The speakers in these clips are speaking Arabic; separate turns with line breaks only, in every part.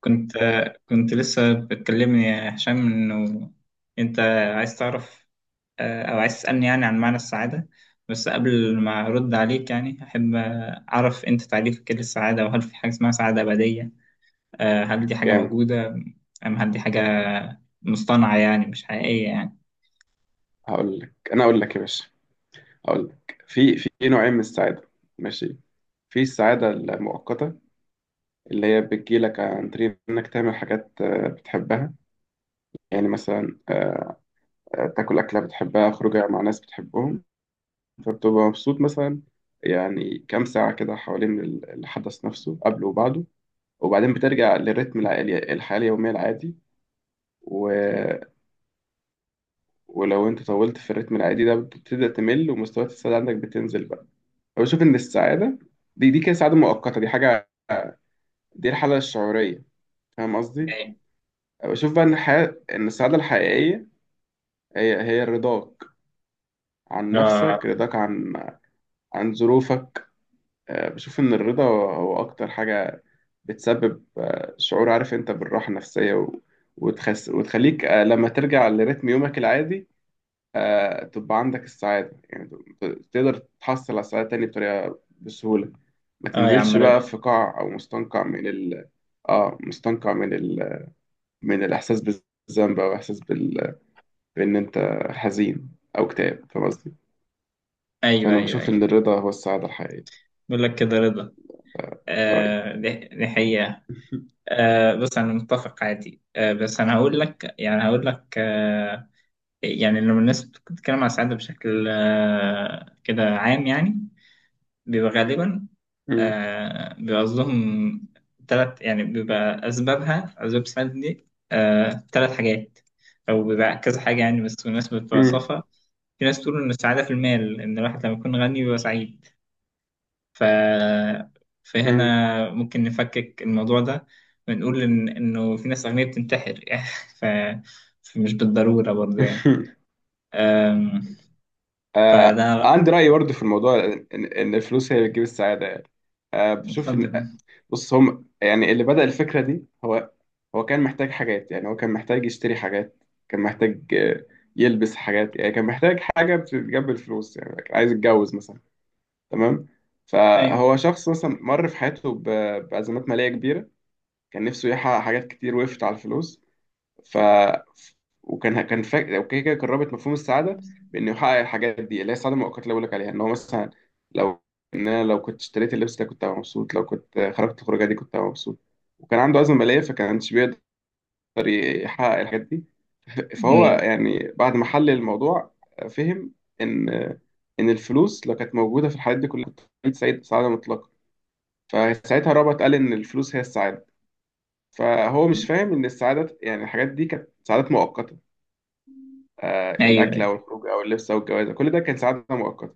كنت كنت لسه بتكلمني يا هشام انه انت عايز تعرف، او عايز تسألني يعني عن معنى السعادة. بس قبل ما ارد عليك يعني احب اعرف انت تعريفك ايه للسعادة، وهل في حاجة اسمها سعادة أبدية؟ هل دي حاجة
جامد.
موجودة، هل دي حاجة مصطنعة يعني مش حقيقية يعني؟
هقول لك انا اقول لك يا باشا. هقول لك في نوعين من السعاده. ماشي. في السعاده المؤقته اللي هي بتجيلك عن طريق انك تعمل حاجات بتحبها. يعني مثلا تاكل اكله بتحبها، خروجه مع ناس بتحبهم، فبتبقى مبسوط مثلا، يعني كام ساعه كده حوالين الحدث نفسه قبله وبعده، وبعدين بترجع للريتم العالي، الحياه اليوميه العادي. و... ولو انت طولت في الريتم العادي ده بتبتدي تمل، ومستويات السعاده عندك بتنزل بقى. بشوف ان السعاده دي كده سعاده مؤقته، دي حاجه، دي الحاله الشعوريه. فاهم قصدي؟
أيوة.
بشوف بقى ان السعاده الحقيقيه هي رضاك عن
اه.
نفسك، رضاك عن ظروفك. بشوف ان الرضا هو اكتر حاجه بتسبب شعور، عارف انت، بالراحه النفسيه، وتخليك لما ترجع لريتم يومك العادي تبقى عندك السعادة، يعني ت- تقدر تحصل على السعادة تاني بطريقة بسهولة، ما
اه يا عم
تنزلش
رضا.
بقى في قاع أو مستنقع من ال اه مستنقع من ال من الإحساس بالذنب، أو إحساس بإن أنت حزين أو اكتئاب. فاهم قصدي؟
ايوه،
فأنا
ايوه،
بشوف
ايوه.
إن الرضا هو السعادة الحقيقية.
بقول لك كده رضا،
ده رأيي.
آه، دي حقيقة. آه بص، انا متفق عادي، آه بس انا هقول لك، يعني هقول لك، يعني لما الناس بتتكلم عن السعادة بشكل كده عام، يعني بيبقى غالبا،
مم.
بيبقى قصدهم تلات، يعني بيبقى أسباب السعادة دي تلات حاجات، أو بيبقى كذا حاجة يعني. بس بالنسبة
مم.
للفلسفة، في ناس تقول إن السعادة في المال، إن الواحد لما يكون غني بيبقى سعيد. ف...
مم.
فهنا ممكن نفكك الموضوع ده، ونقول إنه في ناس أغنياء بتنتحر يعني. ف... فمش بالضرورة برضه يعني. فده.
عندي رأي برضه في الموضوع، إن الفلوس هي اللي بتجيب السعادة يعني. آه، بشوف
اتفضل.
إن بص، هم يعني اللي بدأ الفكرة دي، هو كان محتاج حاجات، يعني هو كان محتاج يشتري حاجات، كان محتاج يلبس حاجات، يعني كان محتاج حاجة بتجيب الفلوس، يعني كان عايز يتجوز مثلا. تمام.
ايوه،
فهو شخص مثلا مر في حياته بأزمات مالية كبيرة، كان نفسه يحقق حاجات كتير وقفت على الفلوس. ف وكان فاكر اوكي، كده قربت مفهوم السعاده بانه يحقق الحاجات دي اللي هي السعاده المؤقته اللي بقول لك عليها، ان هو مثلا لو ان انا لو كنت اشتريت اللبس ده كنت هبقى مبسوط، لو كنت خرجت الخروجه دي كنت هبقى مبسوط، وكان عنده ازمه ماليه فكانش بيقدر يحقق الحاجات دي. فهو
ايوه،
يعني بعد ما حلل الموضوع فهم ان ان الفلوس لو كانت موجوده في الحاجات دي كلها كنت هبقى سعيد سعاده مطلقه، فساعتها رابط قال ان الفلوس هي السعاده. فهو مش فاهم ان السعاده، يعني الحاجات دي كانت سعادات مؤقته،
ايوه،
الأكل
ايوه.
أو الخروج أو اللبس أو الجواز، كل ده كان سعادة مؤقتة.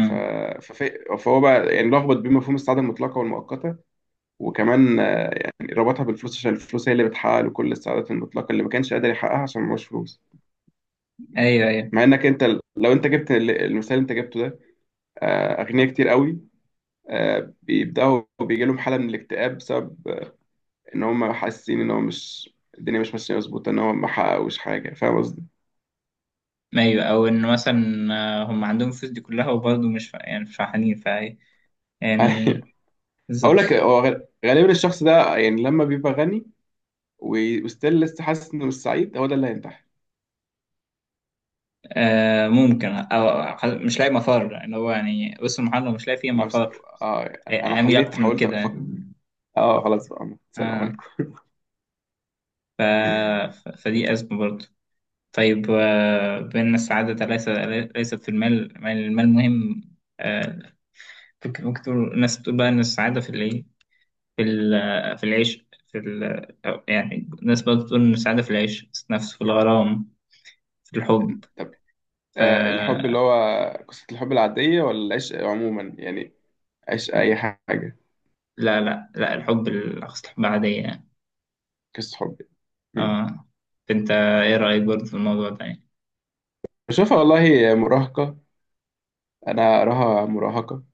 ف... فهو بقى يعني لخبط بين مفهوم السعادة المطلقة والمؤقتة، وكمان ربطها بالفلوس عشان الفلوس هي اللي بتحقق له كل السعادات المطلقة اللي ما كانش قادر يحققها عشان معهوش فلوس.
ايوه، ايوه،
مع إنك أنت لو أنت جبت المثال اللي أنت جبته ده، أغنياء كتير قوي بيبدأوا بيجي لهم حالة من الاكتئاب بسبب إن هم حاسين إن هو مش الدنيا مش ماشية مظبوطة، إن هو ما حققوش حاجة. فاهم قصدي؟
ايوه، او ان مثلا هم عندهم الفلوس دي كلها وبرضه مش فا- يعني مش فرحانين، فا يعني.
هقول
بالظبط.
لك هو غالبا الشخص ده يعني لما بيبقى غني وستيل لسه حاسس ان السعيد، هو ده اللي هينتحر.
آه ممكن، او مش لاقي مفر، اللي هو يعني وسط المحاضره مش لاقي فيه
انا بس...
مفر.
آه انا
اعمل اكتر من
حاولت
كده.
افكر. اه، خلاص بقى، السلام
اه.
عليكم.
ف... فدي ازمه برضه. طيب بان السعاده ليس ليست في المال. المال المال مهم، آه، ممكن تقول الناس بتقول بقى ان السعاده في الايه، في العيش، في ال يعني. الناس برضه بتقول إن السعادة في العيش، في النفس، في الغرام، في الحب.
طب،
ف
الحب اللي هو قصة الحب العادية ولا العشق عموما، يعني عشق أي حاجة،
لا لا لا، الحب الأقصى، الحب عادية يعني.
قصة حب. مم.
اه. أنت إيه رأيك برضه في الموضوع ده يعني؟
بشوفها والله مراهقة، أنا أراها مراهقة،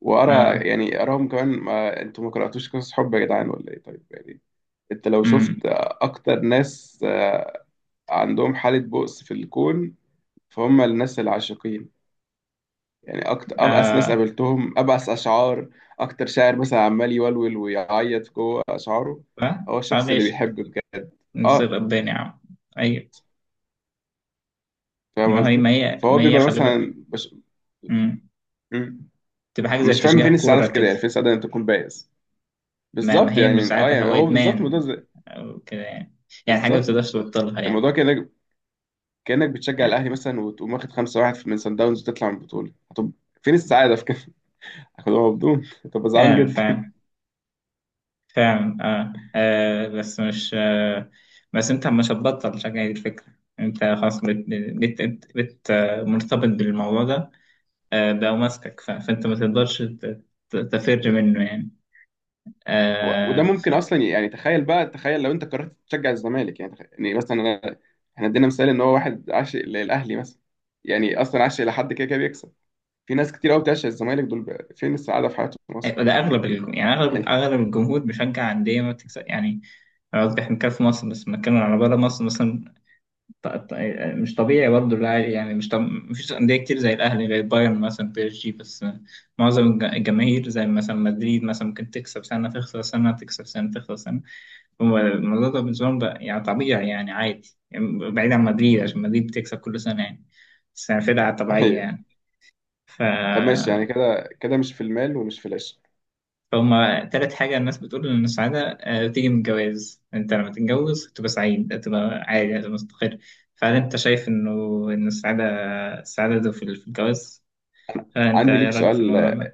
وأرى
اه.
يعني أراهم كمان. ما أنتوا ما قرأتوش قصص حب يا جدعان ولا إيه؟ طيب يعني. أنت لو شفت
أمم.
أكتر ناس عندهم حالة بؤس في الكون، فهم الناس العاشقين. يعني أكتر أبأس ناس
آه.
قابلتهم، أبأس أشعار، أكتر شاعر مثلا عمال يولول ويعيط جوه أشعاره،
ما
هو
مش عارف
الشخص اللي
ليش.
بيحب بجد. أه
نصير قباني يا عم. أيوة.
فاهم
ما هي
قصدي؟
ما هي
فهو
ما هي
بيبقى
خلي بالك.
مثلا
أمم.
مم.
تبقى حاجة زي
مش فاهم فين
تشجيع
السعادة
كورة
في كده؟
كده.
يعني فين السعادة إن أنت تكون بائس؟
ما
بالظبط.
هي مش
يعني
ساعتها
يعني
هو
هو بالظبط.
إدمان، أو كده يعني. يعني حاجة ما
بالظبط
بتقدرش تبطلها يعني.
الموضوع كأنك بتشجع الأهلي
يعني.
مثلا وتقوم واخد 5-1 من سان داونز وتطلع من البطولة، طب فين السعادة في كده؟ هتبقى زعلان
فعلا
جدا.
فعلا. فعلا. بس مش. بس انت مش هتبطل شجع، دي الفكرة. انت خلاص بت, بت... بت... بت... آه، مرتبط بالموضوع ده. بقى ماسكك، فانت ما تقدرش تفر منه يعني.
وده
آه. ف...
ممكن اصلا، يعني تخيل بقى، تخيل لو انت قررت تشجع الزمالك، يعني يعني مثلا انا، احنا ادينا مثال ان هو واحد عاشق للاهلي مثلا، يعني اصلا عاشق لحد، كده كده بيكسب. في ناس كتير قوي بتعشق الزمالك، دول بقى فين السعاده في حياتهم اصلا
ده اغلب يعني اغلب
يعني؟
اغلب الجمهور بيشجع انديه ما بتكسب يعني. أنا قصدي احنا بنتكلم في مصر، بس بنتكلم على بره مصر مثلا. ط- ط- مش طبيعي برضه اللاعب، يعني مش طب... مفيش أندية كتير زي الأهلي، غير بايرن مثلا، بي اس جي بس. معظم الجماهير زي مثلا مدريد، مثلا ممكن تكسب سنة، تخسر سنة، تكسب سنة، تخسر سنة. هو الموضوع ده بالنسبة لهم بقى يعني طبيعي، يعني عادي يعني، بعيد عن مدريد عشان مدريد بتكسب كل سنة يعني. بس يعني فرقة طبيعية
أيوة.
يعني. ف...
طب ماشي، يعني كده كده مش في المال ومش في العشق.
فهما تالت حاجة، الناس بتقول إن السعادة بتيجي من الجواز. أنت لما تتجوز تبقى سعيد، تبقى عادي، تبقى مستقر. فهل أنت شايف إنه إن السعادة، السعادة في في الجواز؟ فأنت
عندي
إيه
ليك
رأيك في
سؤال
الموضوع ده؟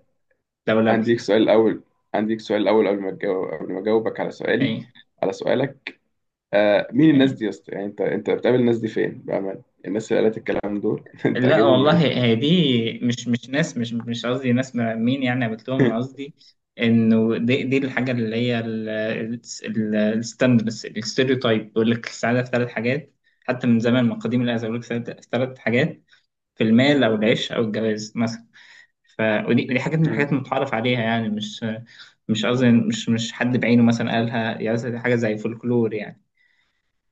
عندي
لولبي.
ليك سؤال الاول عندي ليك سؤال الاول، قبل ما اجاوبك
أي.
على سؤالك، مين الناس
أي.
دي يا اسطى؟ يعني انت بتقابل الناس دي فين بامانه؟ الناس اللي قالت الكلام دول، انت
لا
عاجبهم
والله.
منين؟
هي دي مش ناس، مش قصدي ناس مرمين يعني قابلتهم، أنا قصدي إنه دي الحاجة اللي هي الستيreotype بيقول لك السعادة في ثلاث حاجات. حتى من زمان، من قديم الأزل بيقول لك السعادة في ثلاث حاجات، في المال أو العيش أو الجواز مثلا. ف ودي حاجات من
إيه؟
الحاجات المتعارف عليها يعني. مش قصدي مش حد بعينه مثلا قالها، يعني مثلا دي حاجة زي فولكلور يعني.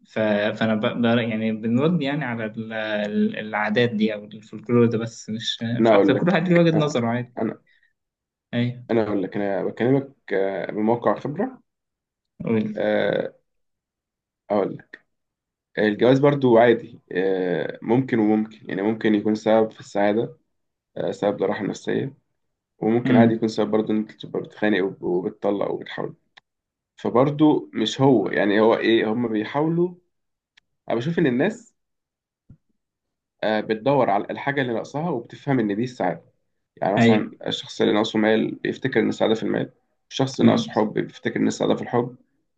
ف- فانا بقدر يعني بنرد يعني على العادات دي او الفولكلور ده، بس مش مش
انا
اكتر
اقول
كل
لك
واحد ليه وجهة
آه،
نظره عادي.
انا
ايوه.
انا اقول لك، انا بكلمك من موقع خبره.
قول.
آه، اقول لك، الجواز برضو عادي، ممكن وممكن يعني، ممكن يكون سبب في السعاده، سبب للراحه النفسيه، وممكن عادي يكون
امم.
سبب برضو ان انت تبقى بتخانق وبتطلق وبتحاول. فبرضو مش هو، يعني هو ايه هم بيحاولوا. انا بشوف ان الناس بتدور على الحاجه اللي ناقصاها وبتفهم ان دي السعاده. يعني مثلا
ايوه.
الشخص اللي ناقصه مال بيفتكر ان السعاده في المال، الشخص اللي
امم.
ناقصه حب بيفتكر ان السعاده في الحب،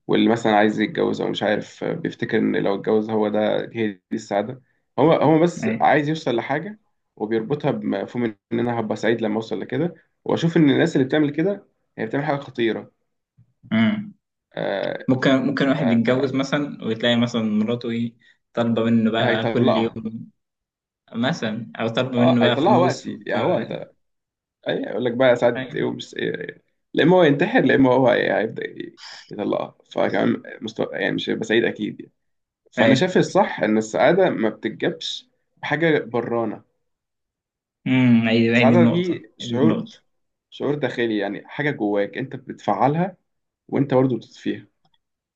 واللي مثلا عايز يتجوز او مش عارف بيفتكر ان لو اتجوز هو ده هي دي السعاده. هو بس
ايوه.
عايز يوصل لحاجه، وبيربطها بمفهوم ان انا هبقى سعيد لما اوصل لكده. واشوف ان الناس اللي بتعمل كده هي بتعمل حاجه خطيره.
امم.
آه
ممكن واحد يتجوز
آه
مثلا، وتلاقي مثلا مراته ايه، طالبه منه بقى كل
هيطلقها
يوم، مثلا او طالبه
اه
منه بقى
هيطلقها
فلوس
وقتي، يعني هو،
وبتاع.
اي، يقول لك بقى ساعات ايه
ايوه.
ومش ايه. إيه. لا اما هو ينتحر، لا اما هو هيبدا يطلقها، فكمان مستوى، يعني مش هيبقى سعيد اكيد يعني. فانا
ايوه.
شايف الصح ان السعاده ما بتتجابش بحاجه برانه.
امم. ايوه، هي دي
السعاده
النقطه،
دي
هي دي
شعور،
النقطه.
شعور داخلي يعني، حاجه جواك انت بتفعلها وانت برضه بتطفيها.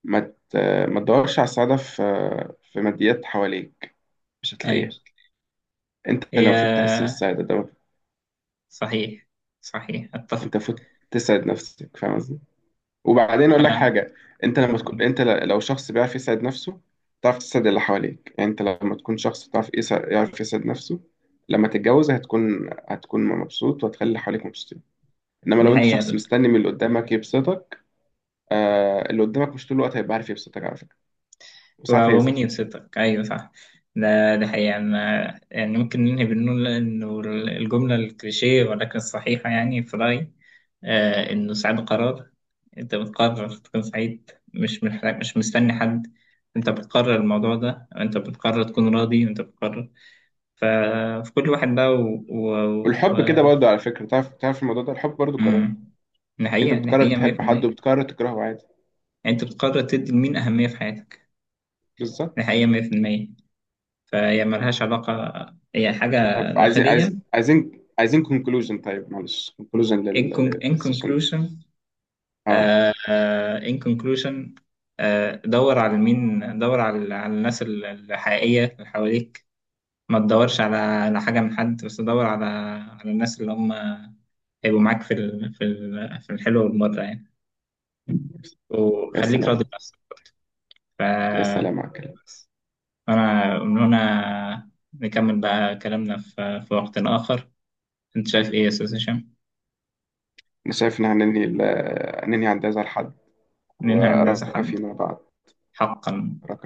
ما ت- ما تدورش على السعاده في ماديات حواليك، مش
ايوه.
هتلاقيها. انت لو فت تحس
هي
بالسعاده ده،
صحيح، صحيح، اتفق.
انت فت تسعد نفسك. فاهم قصدي؟ وبعدين اقول لك
آه.
حاجه، انت لما تكون، لو شخص بيعرف يسعد نفسه، تعرف تسعد اللي حواليك. يعني انت لما تكون شخص تعرف يعرف يسعد نفسه، لما تتجوز هتكون مبسوط وهتخلي اللي حواليك مبسوطين. انما
دي
لو انت شخص
حقيقة.
مستني من اللي قدامك يبسطك، اللي قدامك مش طول الوقت هيبقى عارف يبسطك على فكره، وساعات
ومين
هيزهق.
يبسطك؟ ايوه صح. ده حقيقة. أنا يعني ممكن ننهي بنقول إنه الجملة الكليشيه ولكن الصحيحة يعني في رأيي، إنه سعيد قرار. أنت بتقرر تكون سعيد، مش مستني حد. أنت بتقرر الموضوع ده، أنت بتقرر تكون راضي، أنت بتقرر. ففي كل واحد بقى،
والحب
و...
كده برضه على فكره، تعرف، الموضوع ده، الحب برضه قرار،
مم. دي
انت
حقيقة، دي
بتقرر
حقيقة.
تحب حد
100%.
وبتقرر تكرهه عادي.
أنت بتقرر تدي لمين أهمية في حياتك.
بالظبط.
دي حقيقة. 100%. فهي ملهاش علاقة، هي حاجة
طب، عايزين
داخلية.
عايز عايزين عايزين كونكلوجن طيب معلش كونكلوجن
In
للسيشن ده.
conclusion.
اه.
In conclusion، دور على الناس الحقيقية اللي حواليك. ما تدورش على حاجة من حد، بس دور على الناس اللي هم هيبقوا معاك في في الحلو والمرة يعني.
يا
وخليك راضي
سلام،
بنفسك.
يا
ف
سلام على الكلام.
بس. أنا من هنا نكمل بقى كلامنا في وقت آخر. أنت شايف إيه يا أستاذ هشام؟
انا شايف ان هننهي عند هذا الحد،
ننهي عند هذا
وارقى
الحد.
فيما بعد.
حقا.